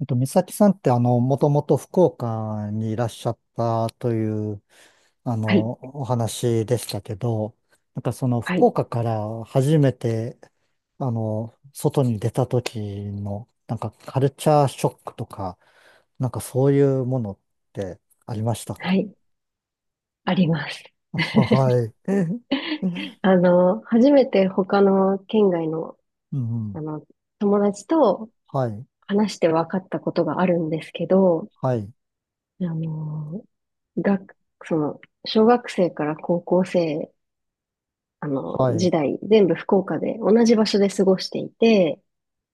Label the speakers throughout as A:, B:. A: 美咲さんって、もともと福岡にいらっしゃったという、あ
B: はい、
A: の、お話でしたけど、なんかその
B: は
A: 福
B: い、
A: 岡から初めて、外に出た時の、なんかカルチャーショックとか、なんかそういうものってありました
B: は
A: か？
B: い、あります。
A: はい。
B: 初めて他の県外の、
A: う
B: あ
A: ん、
B: の、友達と
A: はい、
B: 話して分かったことがあるんですけど、
A: はい、
B: あの、学、その、小学生から高校生、
A: は
B: 時
A: い、
B: 代、全部福岡で同じ場所で過ごしていて、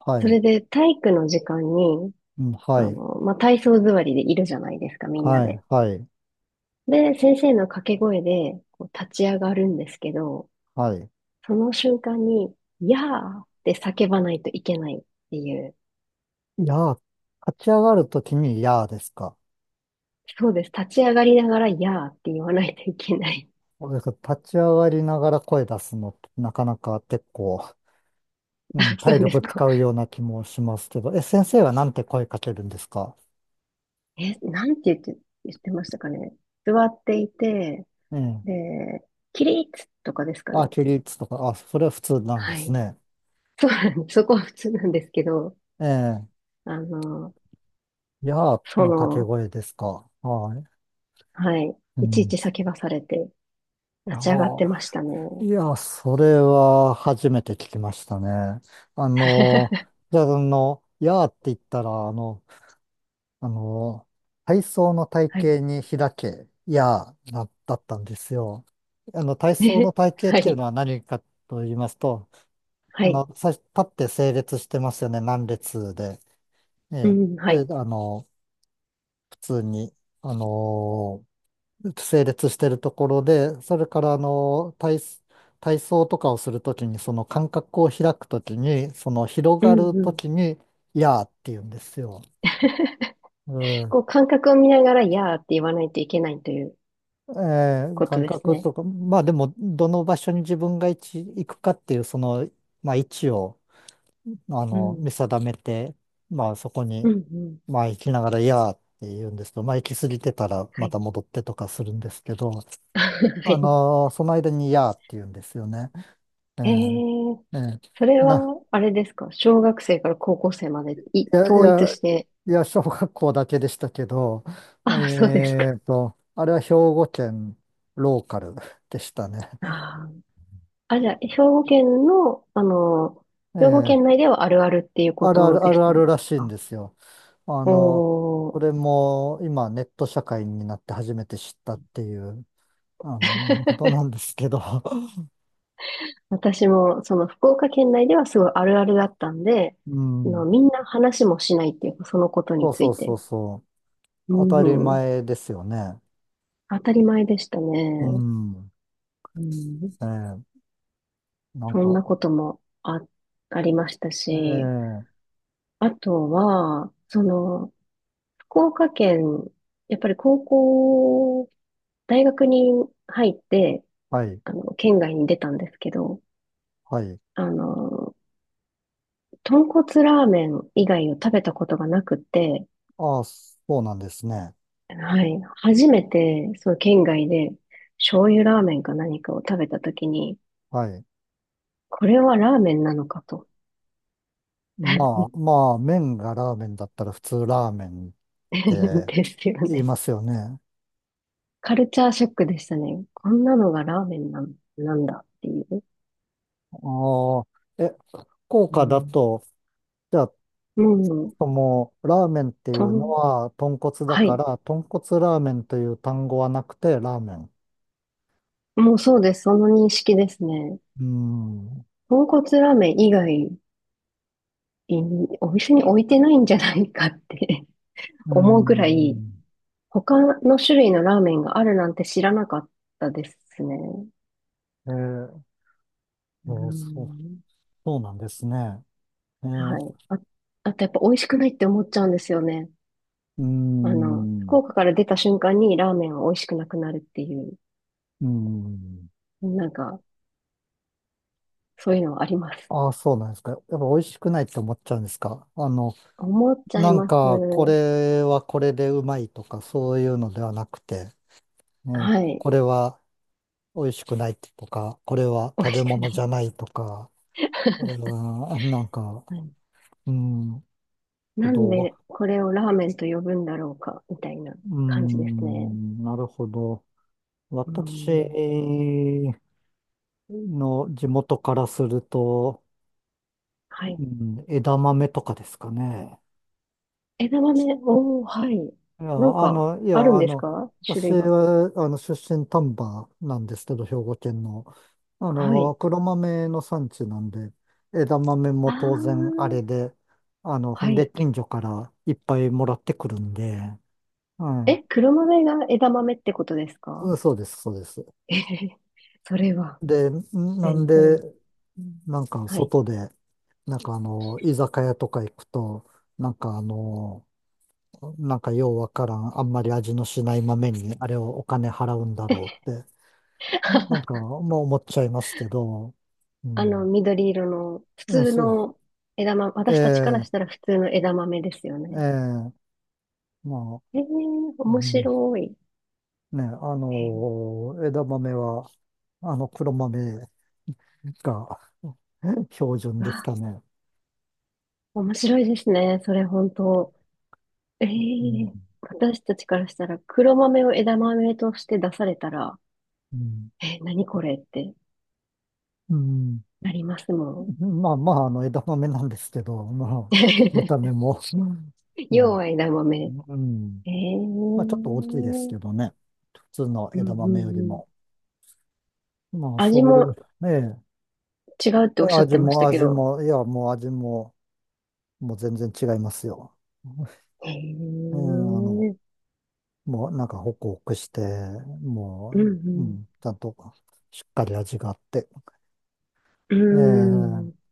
A: は
B: そ
A: い、
B: れで体育の時間に、
A: うん、はい、
B: まあ、体操座りでいるじゃないですか、みんな
A: は
B: で。
A: い、はい、
B: で、先生の掛け声でこう立ち上がるんですけど、
A: はい。
B: その瞬間に、やーって叫ばないといけないっていう。
A: やー、立ち上がるときにやーですか？
B: そうです。立ち上がりながら、やーって言わないといけない。
A: 俺立ち上がりながら声出すのってなかなか結構、う
B: あ、
A: ん、
B: そ
A: 体
B: うで
A: 力
B: すか。
A: 使うような気もしますけど、え、先生はなんて声かけるんですか？
B: え、なんて言ってましたかね。座っていて、
A: ええ。
B: で、起立とかですか
A: あ、
B: ね。
A: 起立とか、あ、それは普通なんで
B: は
A: す
B: い。
A: ね。
B: そうなんです。そこは普通なんですけど、
A: ええ。
B: あの、
A: やー
B: そ
A: の掛け
B: の、
A: 声ですか？はい。
B: はい。
A: う
B: いちい
A: ん。
B: ち叫ばされて、
A: いや
B: 立ち上がって
A: ー、
B: ましたね。
A: いや、それは初めて聞きましたね。あの、じゃあ、やーって言ったら、あの、体操の体
B: はい。
A: 型に開け、いや、な、だったんですよ。体操の 体型っ
B: は
A: ていう
B: い。
A: のは何かと言いますと、
B: はい。はい。
A: 最初立って整列してますよね、何列で。え
B: う
A: え。
B: ん、は
A: それ
B: い。
A: で、普通に、あの、整列してるところで、それから、体操とかをするときに、その間隔を開くときに、その広
B: うん、
A: がる
B: う
A: と
B: ん。
A: きに、いやーって言うんですよ。うん。
B: こう感覚を見ながら、いやーって言わないといけないということ
A: 感
B: です
A: 覚
B: ね。
A: とか、まあでも、どの場所に自分が位置行くかっていう、その、まあ位置を、
B: う
A: 見
B: ん。
A: 定めて、まあそこ
B: う
A: に、
B: んうん。
A: まあ行きながら、いやーって言うんですけど、まあ行き過ぎてたら
B: は
A: ま
B: い。
A: た戻ってとかするんですけど、
B: はい。
A: その間に、いやーって言うんですよね。え
B: へえ、
A: ーえー
B: それは、
A: な、
B: あれですか小学生から高校生まで
A: いや、い
B: 統一
A: や、
B: して？
A: いや、小学校だけでしたけど、
B: あ、そうですか。
A: あれは兵庫県ローカルでしたね。
B: ああ。あ、じゃあ、兵庫県の、兵庫
A: え
B: 県
A: え、
B: 内ではあるあるっていうこ
A: あるあ
B: と
A: るあ
B: で
A: る
B: す
A: あ
B: ね。
A: るらしいん
B: あ
A: ですよ。あの、
B: お
A: こ
B: ー。
A: れも今ネット社会になって初めて知ったっていう、ことな んですけど。
B: 私も、その福岡県内ではすごいあるあるだったんで、
A: うん。
B: みんな話もしないっていうか、そのこと
A: そ
B: に
A: う
B: つ
A: そう
B: い
A: そ
B: て。
A: うそう。
B: う
A: 当たり
B: ん
A: 前ですよね。
B: 当たり前でした
A: う
B: ね。
A: ん。
B: うん。
A: ええ、なん
B: そんな
A: か、
B: こともありましたし、
A: ええ、
B: あとは、その、福岡県、やっぱり高校、大学に入って、
A: はい、
B: 県外に出たんですけど、
A: はい。
B: あの、豚骨ラーメン以外を食べたことがなくて、
A: ああ、そうなんですね。
B: はい、初めて、その県外で、醤油ラーメンか何かを食べたときに、
A: はい。
B: これはラーメンなのかと、
A: まあ、まあ、麺がラーメンだったら普通ラーメンって
B: ですよ
A: 言い
B: ね。
A: ますよね。
B: カルチャーショックでしたね。こんなのがラーメンなんだっていう。
A: ああ、え、福
B: う
A: 岡だ
B: ん。
A: と、じゃあ
B: もう、
A: とも、ラーメンってい
B: と
A: うの
B: ん、
A: は豚骨だ
B: は
A: か
B: い。
A: ら、豚骨ラーメンという単語はなくて、ラーメン。
B: もうそうです。その認識ですね。
A: うん。
B: 豚骨ラーメン以外に、お店に置いてないんじゃないかって
A: う
B: 思うぐらい、
A: ん。
B: 他の種類のラーメンがあるなんて知らなかったですね。
A: えー
B: う
A: そう、
B: ん
A: そうなんですね。えー、
B: はい。あ、あとやっぱ美味しくないって思っちゃうんですよね。
A: う
B: 福
A: ん。
B: 岡から出た瞬間にラーメンは美味しくなくなるっていう、
A: うん。
B: なんか、そういうのはあります。
A: ああ、そうなんですか。やっぱ美味しくないって思っちゃうんですか？
B: 思っちゃい
A: なん
B: ます。
A: か、これはこれでうまいとか、そういうのではなくて、ね、
B: はい。
A: これは美味しくないとか、これは
B: 美
A: 食
B: 味
A: べ
B: しくな
A: 物じ
B: い。
A: ゃないとか、これ は、なんか、
B: はい。
A: うん、なるほ
B: なん
A: ど。
B: でこれをラーメンと呼ぶんだろうか、みたいな
A: う
B: 感じですね。
A: ん、なるほど。
B: う
A: 私
B: ん。
A: の地元からすると、
B: は
A: う
B: い。
A: ん、枝豆とかですかね。
B: 枝豆、おー、はい。
A: いや、
B: なん
A: あ
B: か、
A: の、い
B: あ
A: や、
B: るん
A: あ
B: です
A: の、
B: か種
A: 私
B: 類が？
A: は、出身丹波なんですけど、兵庫県の。
B: はい。
A: 黒豆の産地なんで、枝豆も
B: あー、
A: 当然あれで、ほ
B: は
A: んで
B: い。
A: 近所からいっぱいもらってくるんで、うん、
B: え、黒豆が枝豆ってことです
A: う
B: か？
A: ん、そうです、そうです。
B: えへへそれは、
A: で、なん
B: 全
A: で、
B: 然。
A: なんか
B: はい。
A: 外で、なんか居酒屋とか行くと、なんかなんかようわからん、あんまり味のしない豆に、あれをお金払うんだろうって、なん か、まあ思っちゃいますけど、うん。
B: 緑色の、普通
A: そう、
B: の枝豆、私たちから
A: え
B: した
A: え
B: ら普通の枝豆ですよ
A: え
B: ね。
A: えまあ、
B: ええ
A: う
B: 面
A: ん、
B: 白い。
A: ね、
B: え
A: 枝豆は、黒豆が 標準でし
B: あ、
A: たね。
B: 面白いですね。それ本当。え
A: うん。
B: え私たちからしたら黒豆を枝豆として出されたら、
A: うん。
B: 何これって
A: うん、
B: なりますもん。
A: まあまあ、枝豆なんですけど、まあ、見た目 も、う
B: 要
A: ん、
B: は枝豆。
A: うん。
B: ええう
A: まあ、ちょっと大きいです
B: ん
A: けどね。普通の
B: うんう
A: 枝豆より
B: ん。
A: も。まあ、
B: 味
A: そういう、
B: も
A: ね
B: 違うって
A: え、
B: おっしゃっ
A: 味
B: てまし
A: も
B: たけ
A: 味
B: ど。
A: も、いや、もう味も、もう全然違いますよ。
B: ええ
A: ええ、の、
B: うん
A: もうなんかホクホクして、も
B: う
A: う、う
B: ん
A: ん、ちゃんとしっかり味があって。
B: うー
A: ええ、
B: ん。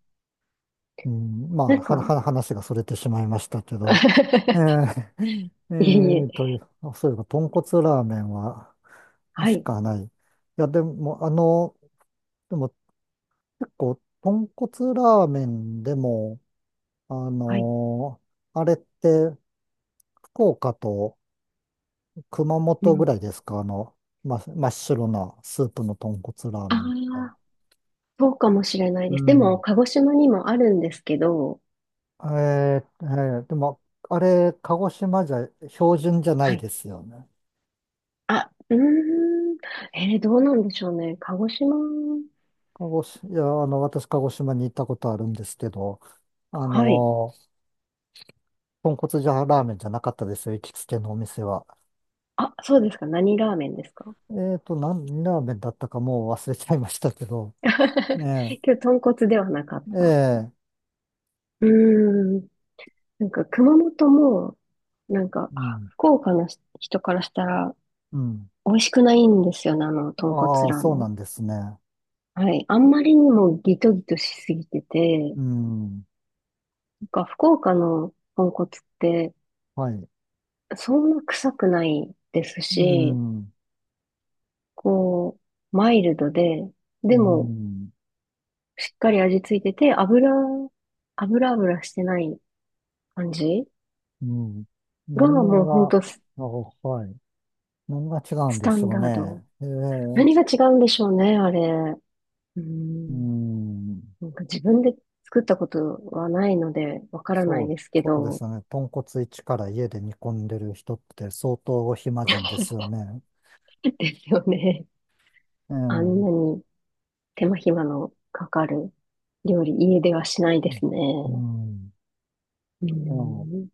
A: うん、まあ、
B: なんか、
A: 話がそれてしまいましたけど。え ー、え
B: いえいえ。
A: ーと、そういえば、豚骨ラーメンは、
B: は
A: し
B: い。
A: かない。いや、でも、でも、結構、豚骨ラーメンでも、あ
B: はい。
A: のあれって、福岡と熊
B: う
A: 本ぐら
B: ん。
A: いですか？真っ白なスープの豚骨ラー
B: あ
A: メンって。
B: あ、そうかもしれない
A: う
B: です。でも、
A: ん。
B: 鹿児島にもあるんですけど、
A: でも、あれ、鹿児島じゃ標準じゃな
B: は
A: い
B: い。
A: ですよね。
B: あ、うーん。どうなんでしょうね。鹿児島。
A: 鹿児島、いや、私、鹿児島に行ったことあるんですけど、あ
B: はい。
A: の、豚骨じゃラーメンじゃなかったですよ、行きつけのお店は。
B: あ、そうですか。何ラーメンですか？
A: ラーメンだったかもう忘れちゃいましたけど、え え、
B: 今日、豚骨ではなかっ
A: え
B: た。
A: え、
B: うーん。なんか、熊本も、なんか、
A: う
B: あ
A: ん、
B: 福岡の人からしたら、
A: うん。
B: 美味しくないんですよね、豚骨
A: ああ、
B: ラー
A: そ
B: メ
A: うな
B: ン。
A: んですね。
B: はい。あんまりにもギトギトしすぎてて、
A: うん、
B: なんか福岡の豚骨って
A: はい。
B: そんな臭くないです
A: う
B: し、
A: ん、
B: こう、マイルドで、
A: う
B: でも
A: ん、
B: しっかり味ついてて、油油してない感じ
A: うん。
B: が
A: 何
B: もうほん
A: が、
B: と
A: あ、はい。何が違うん
B: ス
A: で
B: タ
A: し
B: ン
A: ょう
B: ダード。
A: ね。ええ、
B: 何が違うんでしょうね、あれ。う
A: う
B: ん。
A: ん。
B: なんか自分で作ったことはないのでわからな
A: そ
B: い
A: う、
B: ですけ
A: そうで
B: ど、
A: すね。豚骨一から家で煮込んでる人って相当お暇人ですよね。
B: ですよね。
A: え
B: あんな
A: え。
B: に。手間暇のかかる料理、家ではしない
A: う
B: で
A: ん。
B: すね。
A: うん、
B: うん。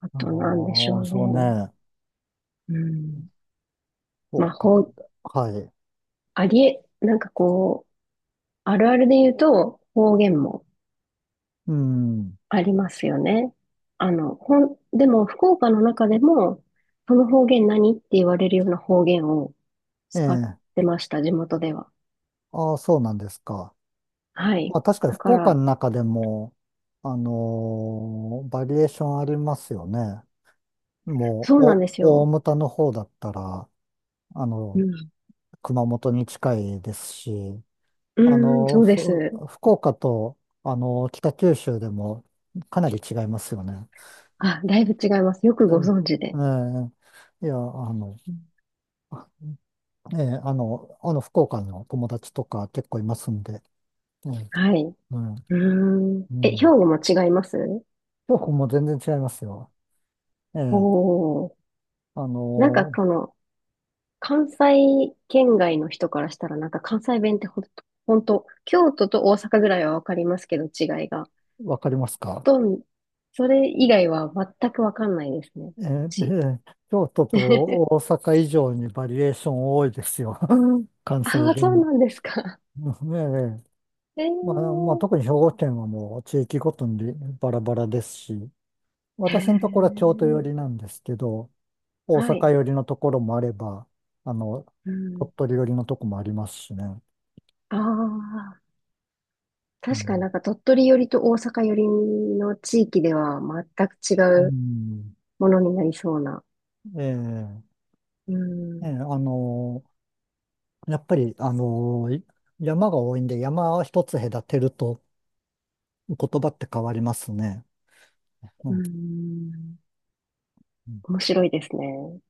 B: あ
A: あ
B: となんでしょ
A: あ、
B: う
A: そう
B: ね。
A: ね。
B: うん。
A: そ
B: ま
A: う
B: あ、ほ
A: か。
B: う、
A: はい。
B: ありえ、なんかこう、あるあるで言うと方言も
A: うん。
B: ありますよね。でも福岡の中でも、その方言何って言われるような方言を
A: え
B: 使っ
A: え。
B: てました、地元では。
A: ああ、そうなんですか。
B: は
A: ま
B: い。
A: あ確かに
B: だか
A: 福岡
B: ら、
A: の中でも、バリエーションありますよね。も
B: そ
A: う、
B: うなんです
A: 大
B: よ。
A: 牟田の方だったら、あ
B: う
A: の、
B: ん。
A: 熊本に近いですし、
B: う
A: あ
B: ーん、
A: の、
B: そうで
A: ふ
B: す。
A: 福岡と、北九州でもかなり違いますよね。
B: あ、だいぶ違います。よくご存知
A: え
B: で。
A: ええいや、ええ、福岡の友達とか結構いますんで、ええ、
B: はい。う
A: うん、
B: ーん。
A: う
B: え、兵
A: ん。
B: 庫も違います
A: 京子も全然違いますよ。ええ、
B: おー。
A: あ
B: なんか
A: の、
B: この、関西圏外の人からしたら、なんか関西弁ってほんと、ほんと、京都と大阪ぐらいはわかりますけど、違いが。
A: わかりますか？
B: と、それ以外は全くわかんないですね。
A: えええ
B: ち。
A: 京都と大 阪以上にバリエーション多いですよ。関西
B: ああ、そう
A: 弁。
B: なんですか。
A: ええ、
B: え
A: まあ、まあ、
B: ー。
A: 特に兵庫県はもう地域ごとにバラバラですし、
B: へ
A: 私のところは京都寄
B: ー。
A: りなんですけど、大
B: は
A: 阪
B: い。
A: 寄りのところもあれば、あの、
B: うん。
A: 鳥取寄りのとこもありますしね。
B: ああ。
A: う
B: 確かに
A: ん。
B: なんか鳥取寄りと大阪寄りの地域では全く違
A: う
B: う
A: ん。
B: ものになりそうな。
A: ええ、
B: う
A: ええ、
B: ん。
A: やっぱり、山が多いんで、山を一つ隔てると言葉って変わりますね。う
B: う
A: ん。
B: ん。面白いですね。